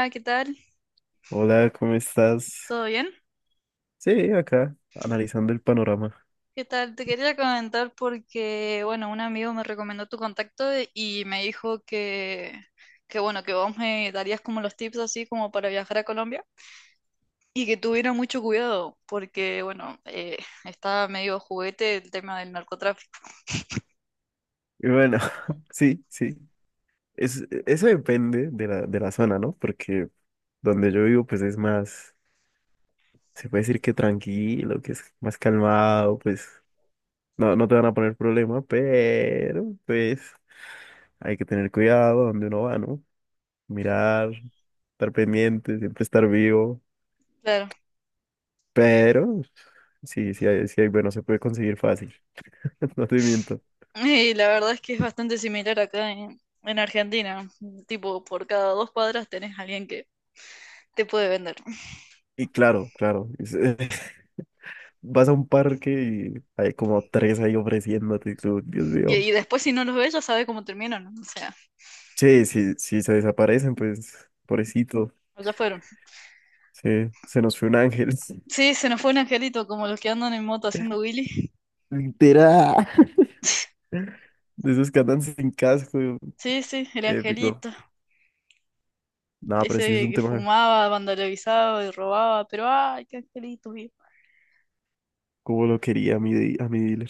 Hola, ¿qué tal? Hola, ¿cómo estás? ¿Todo bien? Sí, acá, analizando el panorama. ¿Qué tal? Te quería comentar porque, bueno, un amigo me recomendó tu contacto y me dijo que, bueno, que vos me darías como los tips así como para viajar a Colombia y que tuviera mucho cuidado porque, bueno, está medio juguete el tema del narcotráfico. Y bueno, sí, sí. Eso depende de la zona, ¿no? Porque donde yo vivo, pues es más, se puede decir que tranquilo, que es más calmado, pues no te van a poner problema, pero pues hay que tener cuidado donde uno va, ¿no? Mirar, estar pendiente, siempre estar vivo. Claro. Pero sí, sí hay, bueno, se puede conseguir fácil. No te miento. Y la verdad es que es bastante similar acá en Argentina. Tipo, por cada dos cuadras tenés a alguien que te puede vender. Y claro, claro. Vas a un parque y hay como tres ahí ofreciéndote, y tú, Dios Y, mío. y después si no los ves ya sabes cómo terminan. O sea, Sí, sí, sí, se desaparecen, pues, pobrecito. ya fueron. Sí, se nos fue un ángel. Sí, se nos fue un angelito, como los que andan en moto haciendo Willy. Literal. De esos que andan sin casco, Sí, sí, el épico. angelito. No, pero sí es Ese un que tema fumaba, vandalizaba y robaba, pero ay, qué angelito, viejo. como lo quería a a mi dealer.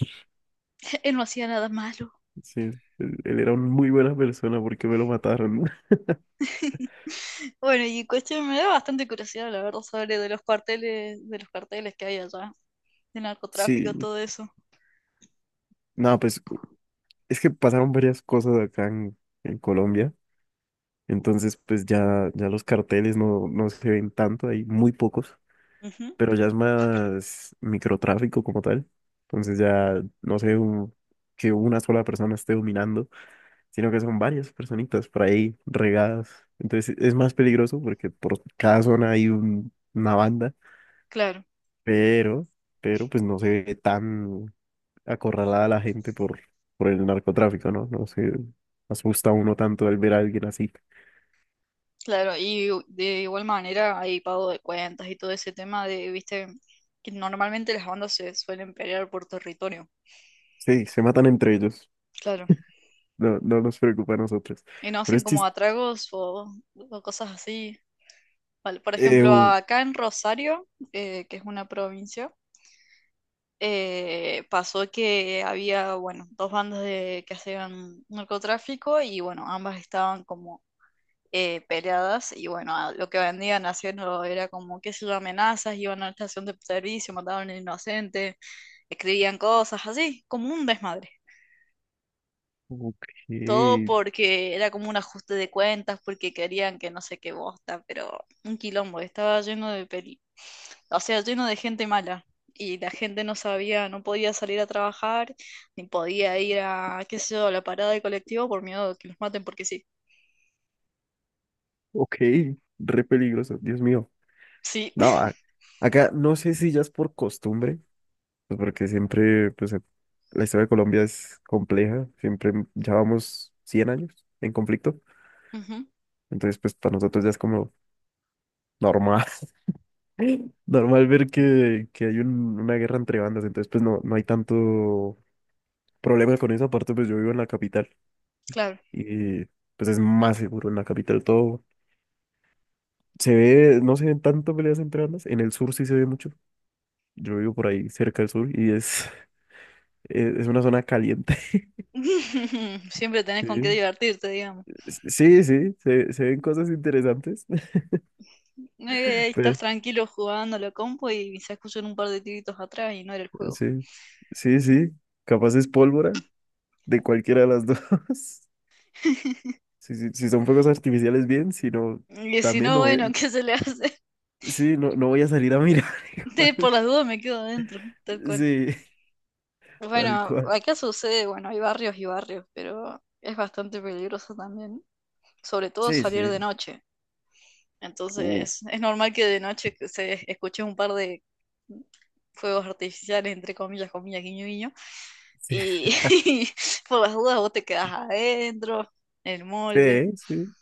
Él no hacía nada malo. Sí, él era una muy buena persona porque me lo mataron. Bueno, y cuestión, me da bastante curiosidad, la verdad, sobre de los carteles que hay allá, de narcotráfico, Sí, todo eso. no, pues es que pasaron varias cosas acá en Colombia. Entonces, pues ya los carteles no se ven tanto, hay muy pocos. Ujú, Pero ya es más microtráfico como tal. Entonces ya no sé que una sola persona esté dominando, sino que son varias personitas por ahí regadas. Entonces es más peligroso porque por cada zona hay una banda, claro, pero, pero pues no se ve tan acorralada la gente por el narcotráfico, ¿no? No se asusta uno tanto al ver a alguien así. claro. Y de igual manera hay pago de cuentas y todo ese tema de, viste, que normalmente las bandas se suelen pelear por territorio. Sí, se matan entre ellos. Claro. No, no nos preocupa a nosotros. Y no Pero hacen es como chiste. atragos o cosas así. Vale, por Eh, ejemplo, u- acá en Rosario, que es una provincia, pasó que había, bueno, dos bandas de, que hacían narcotráfico y, bueno, ambas estaban como peleadas y, bueno, lo que vendían haciendo era como, qué sé yo, amenazas, iban a la estación de servicio, mataban a un inocente, escribían cosas así, como un desmadre. ok. Todo porque era como un ajuste de cuentas, porque querían que no sé qué bosta, pero un quilombo, estaba lleno de peli, o sea, lleno de gente mala. Y la gente no sabía, no podía salir a trabajar, ni podía ir a, qué sé yo, a la parada del colectivo por miedo de que los maten, porque sí. Ok, re peligroso, Dios mío. Sí, No, acá no sé si ya es por costumbre, pues porque siempre, pues la historia de Colombia es compleja, siempre ya vamos 100 años en conflicto, ujú, entonces pues para nosotros ya es como normal, normal ver que hay una guerra entre bandas, entonces pues no hay tanto problema con eso, aparte pues yo vivo en la capital claro. y pues es más seguro en la capital todo. No se ven tanto peleas entre bandas, en el sur sí se ve mucho. Yo vivo por ahí cerca del sur y es una zona caliente. Siempre tenés con qué divertirte, digamos. Sí, sí, sí, se ven cosas interesantes. Estás Pero, tranquilo jugando a la compu y se escuchan un par de tiritos atrás y no era el juego. sí, sí, sí. Capaz es pólvora de cualquiera de las dos. Si son fuegos artificiales, bien, si no, Y si también no, no, bueno, ¿qué se le hace? sí, no voy a salir a mirar Por igual. las dudas me quedo adentro, tal cual. Sí, tal Bueno, cual. acá sucede, bueno, hay barrios y barrios, pero es bastante peligroso también, sobre todo Sí, salir de sí. noche. Uh, Entonces, es normal que de noche que se escuche un par de fuegos artificiales, entre comillas, comillas, guiño, guiño. sí, Y, por las dudas vos te quedás adentro, en el molde. sí, sí.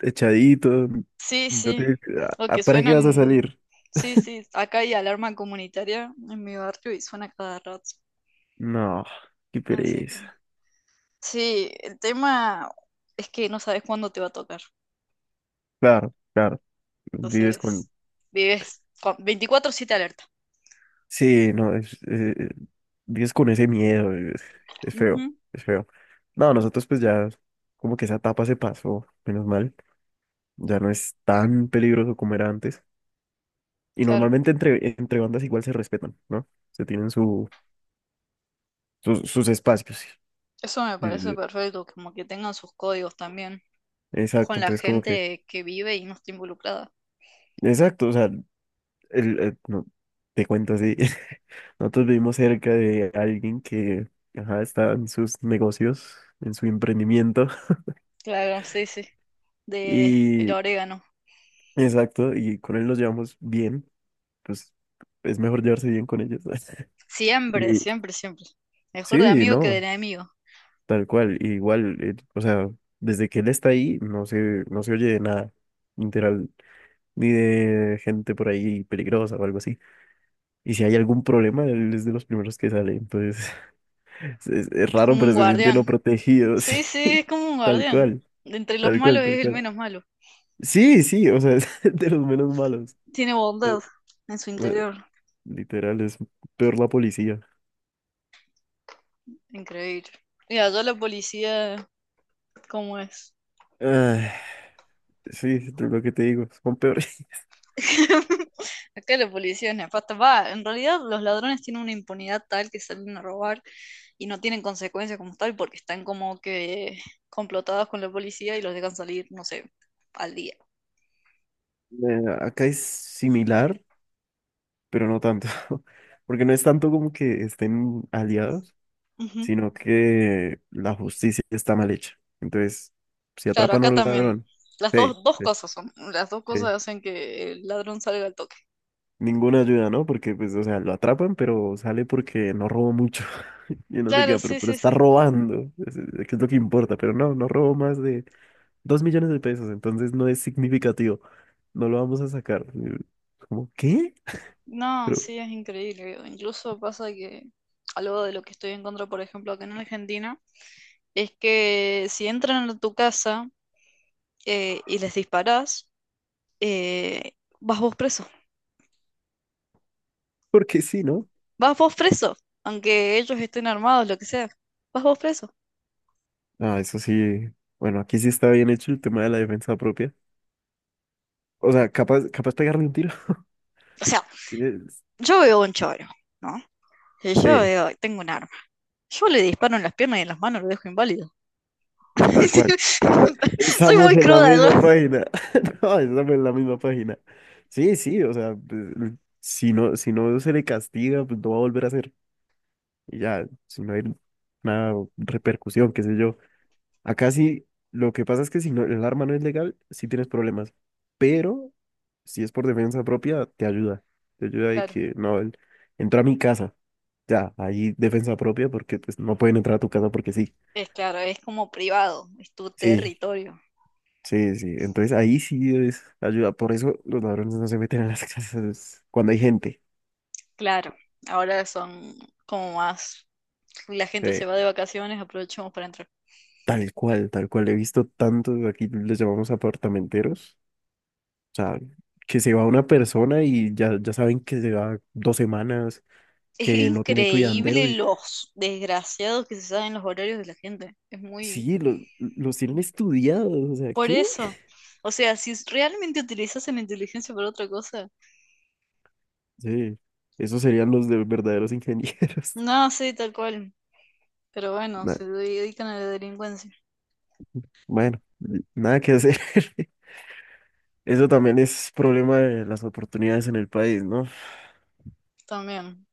Echadito. Sí, No sí. te- O que ¿Para qué vas a suenan. salir? Sí, sí. Acá hay alarma comunitaria en mi barrio y suena cada rato. No, qué Así que. pereza. Sí, el tema es que no sabes cuándo te va a tocar. Claro, claro. Vives con... Entonces, vives con 24/7 alerta. Sí, no, vives con ese miedo, es feo, Ujú, es feo. No, nosotros pues ya, como que esa etapa se pasó, menos mal. Ya no es tan peligroso como era antes. Y claro. normalmente entre bandas igual se respetan, ¿no? Se tienen su, sus sus espacios. Eso me parece Eh, perfecto, como que tengan sus códigos también con Exacto, la entonces como que... gente que vive y no está involucrada. Exacto, o sea, no, te cuento así. Nosotros vivimos cerca de alguien que ajá, está en sus negocios, en su emprendimiento. Claro, sí, sí. De el Y orégano. exacto, y con él nos llevamos bien. Pues es mejor llevarse bien con ellos. Siempre, Y siempre, siempre. Mejor de sí, amigo que de no, enemigo. tal cual. Igual, o sea, desde que él está ahí, no se oye de nada, literal, ni de gente por ahí peligrosa o algo así. Y si hay algún problema, él es de los primeros que sale. Entonces. Es Es raro, como pero un se siente no guardián. protegido, sí. Sí, sí, es como un Tal guardián. cual, De entre los tal malos cual, tal es el cual. menos malo. Sí, sí, o sea, es de los menos malos. Tiene Eh, bondad en su eh, interior. Literal, es peor la policía. Increíble. Mira allá la policía, ¿cómo es? Ah, sí, es lo que te digo, son peores. Acá la policía es nefasta. Va, en realidad los ladrones tienen una impunidad tal que salen a robar y no tienen consecuencias como tal porque están como que complotados con la policía y los dejan salir, no sé, al día. Acá es similar, pero no tanto. Porque no es tanto como que estén aliados, Ujú. sino que la justicia está mal hecha. Entonces, si Claro, atrapan a acá un también. ladrón, Las sí, dos, dos sí, cosas son. Las dos cosas sí. hacen que el ladrón salga al toque. Ninguna ayuda, ¿no? Porque, pues, o sea, lo atrapan, pero sale porque no robó mucho. Y no sé queda, Claro, pero, sí, pero sí, está sí. robando, que es lo que importa. Pero no robó más de 2 millones de pesos, entonces no es significativo. No lo vamos a sacar. ¿Cómo qué? No, Pero, sí, es increíble. Incluso pasa que algo de lo que estoy en contra, por ejemplo, acá en Argentina. Es que si entran a tu casa y les disparás, eh, vas vos preso. Porque sí, ¿no? Vas vos preso, aunque ellos estén armados, lo que sea. Vas vos preso. Ah, eso sí. Bueno, aquí sí está bien hecho el tema de la defensa propia. O sea, capaz, capaz pegarle un tiro. O sea, Es- yo veo un choro, ¿no? Y yo Sí. veo, tengo un arma. Yo le disparo en las piernas y en las manos, lo dejo inválido. Tal cual, tal cual. Soy Estamos muy en la cruda, misma yo. página. No, estamos en la misma página. Sí, sí, o sea, pues, si no, si no se le castiga, pues no va a volver a hacer. Y ya, si no hay una repercusión, qué sé yo. Acá sí, lo que pasa es que si no, el arma no es legal, sí tienes problemas. Pero si es por defensa propia, te ayuda. Te ayuda y Claro, que no, él entró a mi casa. Ya, ahí defensa propia porque pues no pueden entrar a tu casa porque sí. Claro, es como privado, es tu Sí, territorio. sí, sí, entonces ahí sí es ayuda. Por eso los ladrones no se meten a las casas cuando hay gente. Claro, ahora son como más, la gente se Eh, va de vacaciones, aprovechamos para entrar. Tal cual, tal cual. He visto tantos, aquí les llamamos apartamenteros. O sea, que se va una persona y ya saben que se va 2 semanas, Es que no tiene cuidandero. increíble Y los desgraciados que se saben los horarios de la gente. Es muy... sí, los tienen estudiados. O sea, Por ¿qué? eso. O sea, si realmente utilizasen la inteligencia para otra cosa. Sí, esos serían los de verdaderos ingenieros. No, sí, tal cual. Pero bueno, Na- se dedican a la delincuencia bueno, nada que hacer. Eso también es problema de las oportunidades en el país, ¿no? también.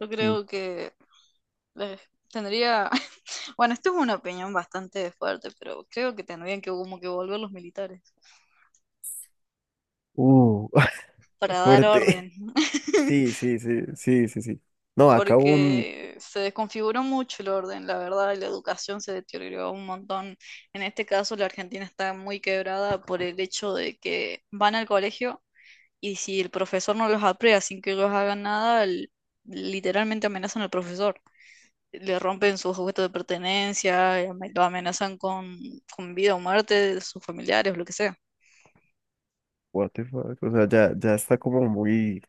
Yo Mm. creo que eh, tendría... Bueno, esto es una opinión bastante fuerte, pero creo que tendrían que como que volver los militares Uh, para dar orden. Fuerte. Sí, sí, sí, sí, sí, sí. No, acá un... Porque se desconfiguró mucho el orden, la verdad, y la educación se deterioró un montón. En este caso, la Argentina está muy quebrada por el hecho de que van al colegio y si el profesor no los aprea sin que ellos hagan nada, literalmente amenazan al profesor. Le rompen sus objetos de pertenencia, y lo amenazan con vida o muerte de sus familiares, lo que sea. What the fuck? O sea, ya está como muy...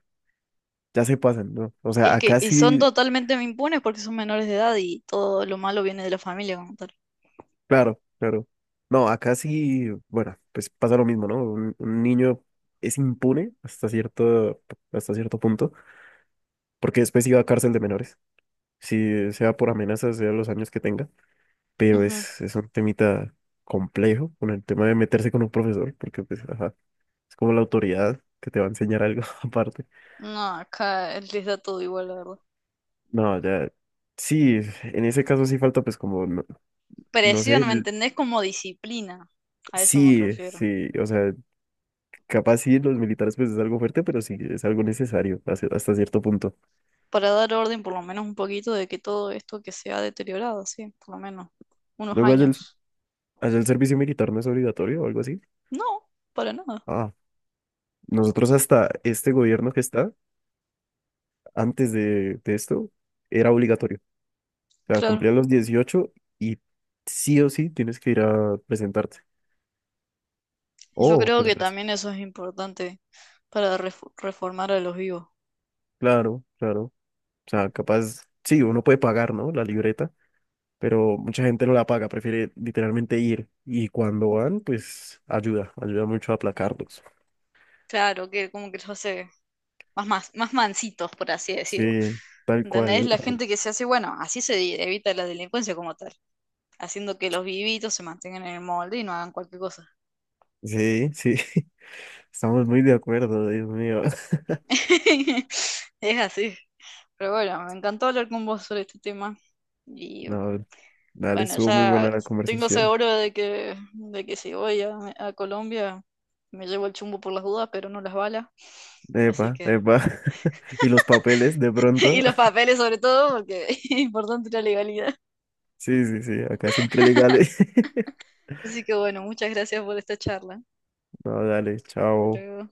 Ya se pasan, ¿no? O sea, Es que, acá y son sí, totalmente impunes porque son menores de edad y todo lo malo viene de la familia como tal. claro, claro. No, acá sí, bueno, pues pasa lo mismo, ¿no? Un niño es impune hasta cierto punto, porque después iba a cárcel de menores, si sea por amenazas, sea los años que tenga, pero Ujú. es un temita complejo con el tema de meterse con un profesor, porque pues, ajá, es como la autoridad que te va a enseñar algo aparte. No, acá les da todo igual, la verdad. No, ya. Sí, en ese caso sí falta, pues, como, no, no sé. Presión, ¿me entendés? Como disciplina. A eso me Sí, refiero. sí. O sea, capaz sí, los militares, pues, es algo fuerte, pero sí, es algo necesario hasta cierto punto. Para dar orden, por lo menos un poquito, de que todo esto que se ha deteriorado, sí, por lo menos unos Luego, allá el, años. allá el servicio militar no es obligatorio o algo así. No, para nada, Ah, nosotros hasta este gobierno que está, antes de esto, era obligatorio. O sea, claro. cumplían los 18 y sí o sí tienes que ir a presentarte. Y yo Oh, creo pues, que también eso es importante para reformar a los vivos. claro, claro. O sea, capaz, sí, uno puede pagar, ¿no? La libreta, pero mucha gente no la paga, prefiere literalmente ir. Y cuando van, pues ayuda, ayuda mucho a aplacarlos. Claro, que como que los hace más, más, más mansitos, por así decirlo. Sí, tal ¿Entendés? cual. La gente que se hace, bueno, así se evita la delincuencia como tal, haciendo que los vivitos se mantengan en el molde y no hagan cualquier cosa. Sí, sí, estamos muy de acuerdo, Dios mío. Es así. Pero bueno, me encantó hablar con vos sobre este tema. Y No, dale, bueno, estuvo muy ya buena la tengo conversación. seguro de que si voy a Colombia me llevo el chumbo por las dudas, pero no las balas. Así Epa, que, epa. ¿Y los papeles de y pronto? los papeles sobre todo, porque es importante la legalidad. Sí, sí, sí, acá siempre legales. Así que bueno, muchas gracias por esta charla. No, dale, Hasta chao. luego.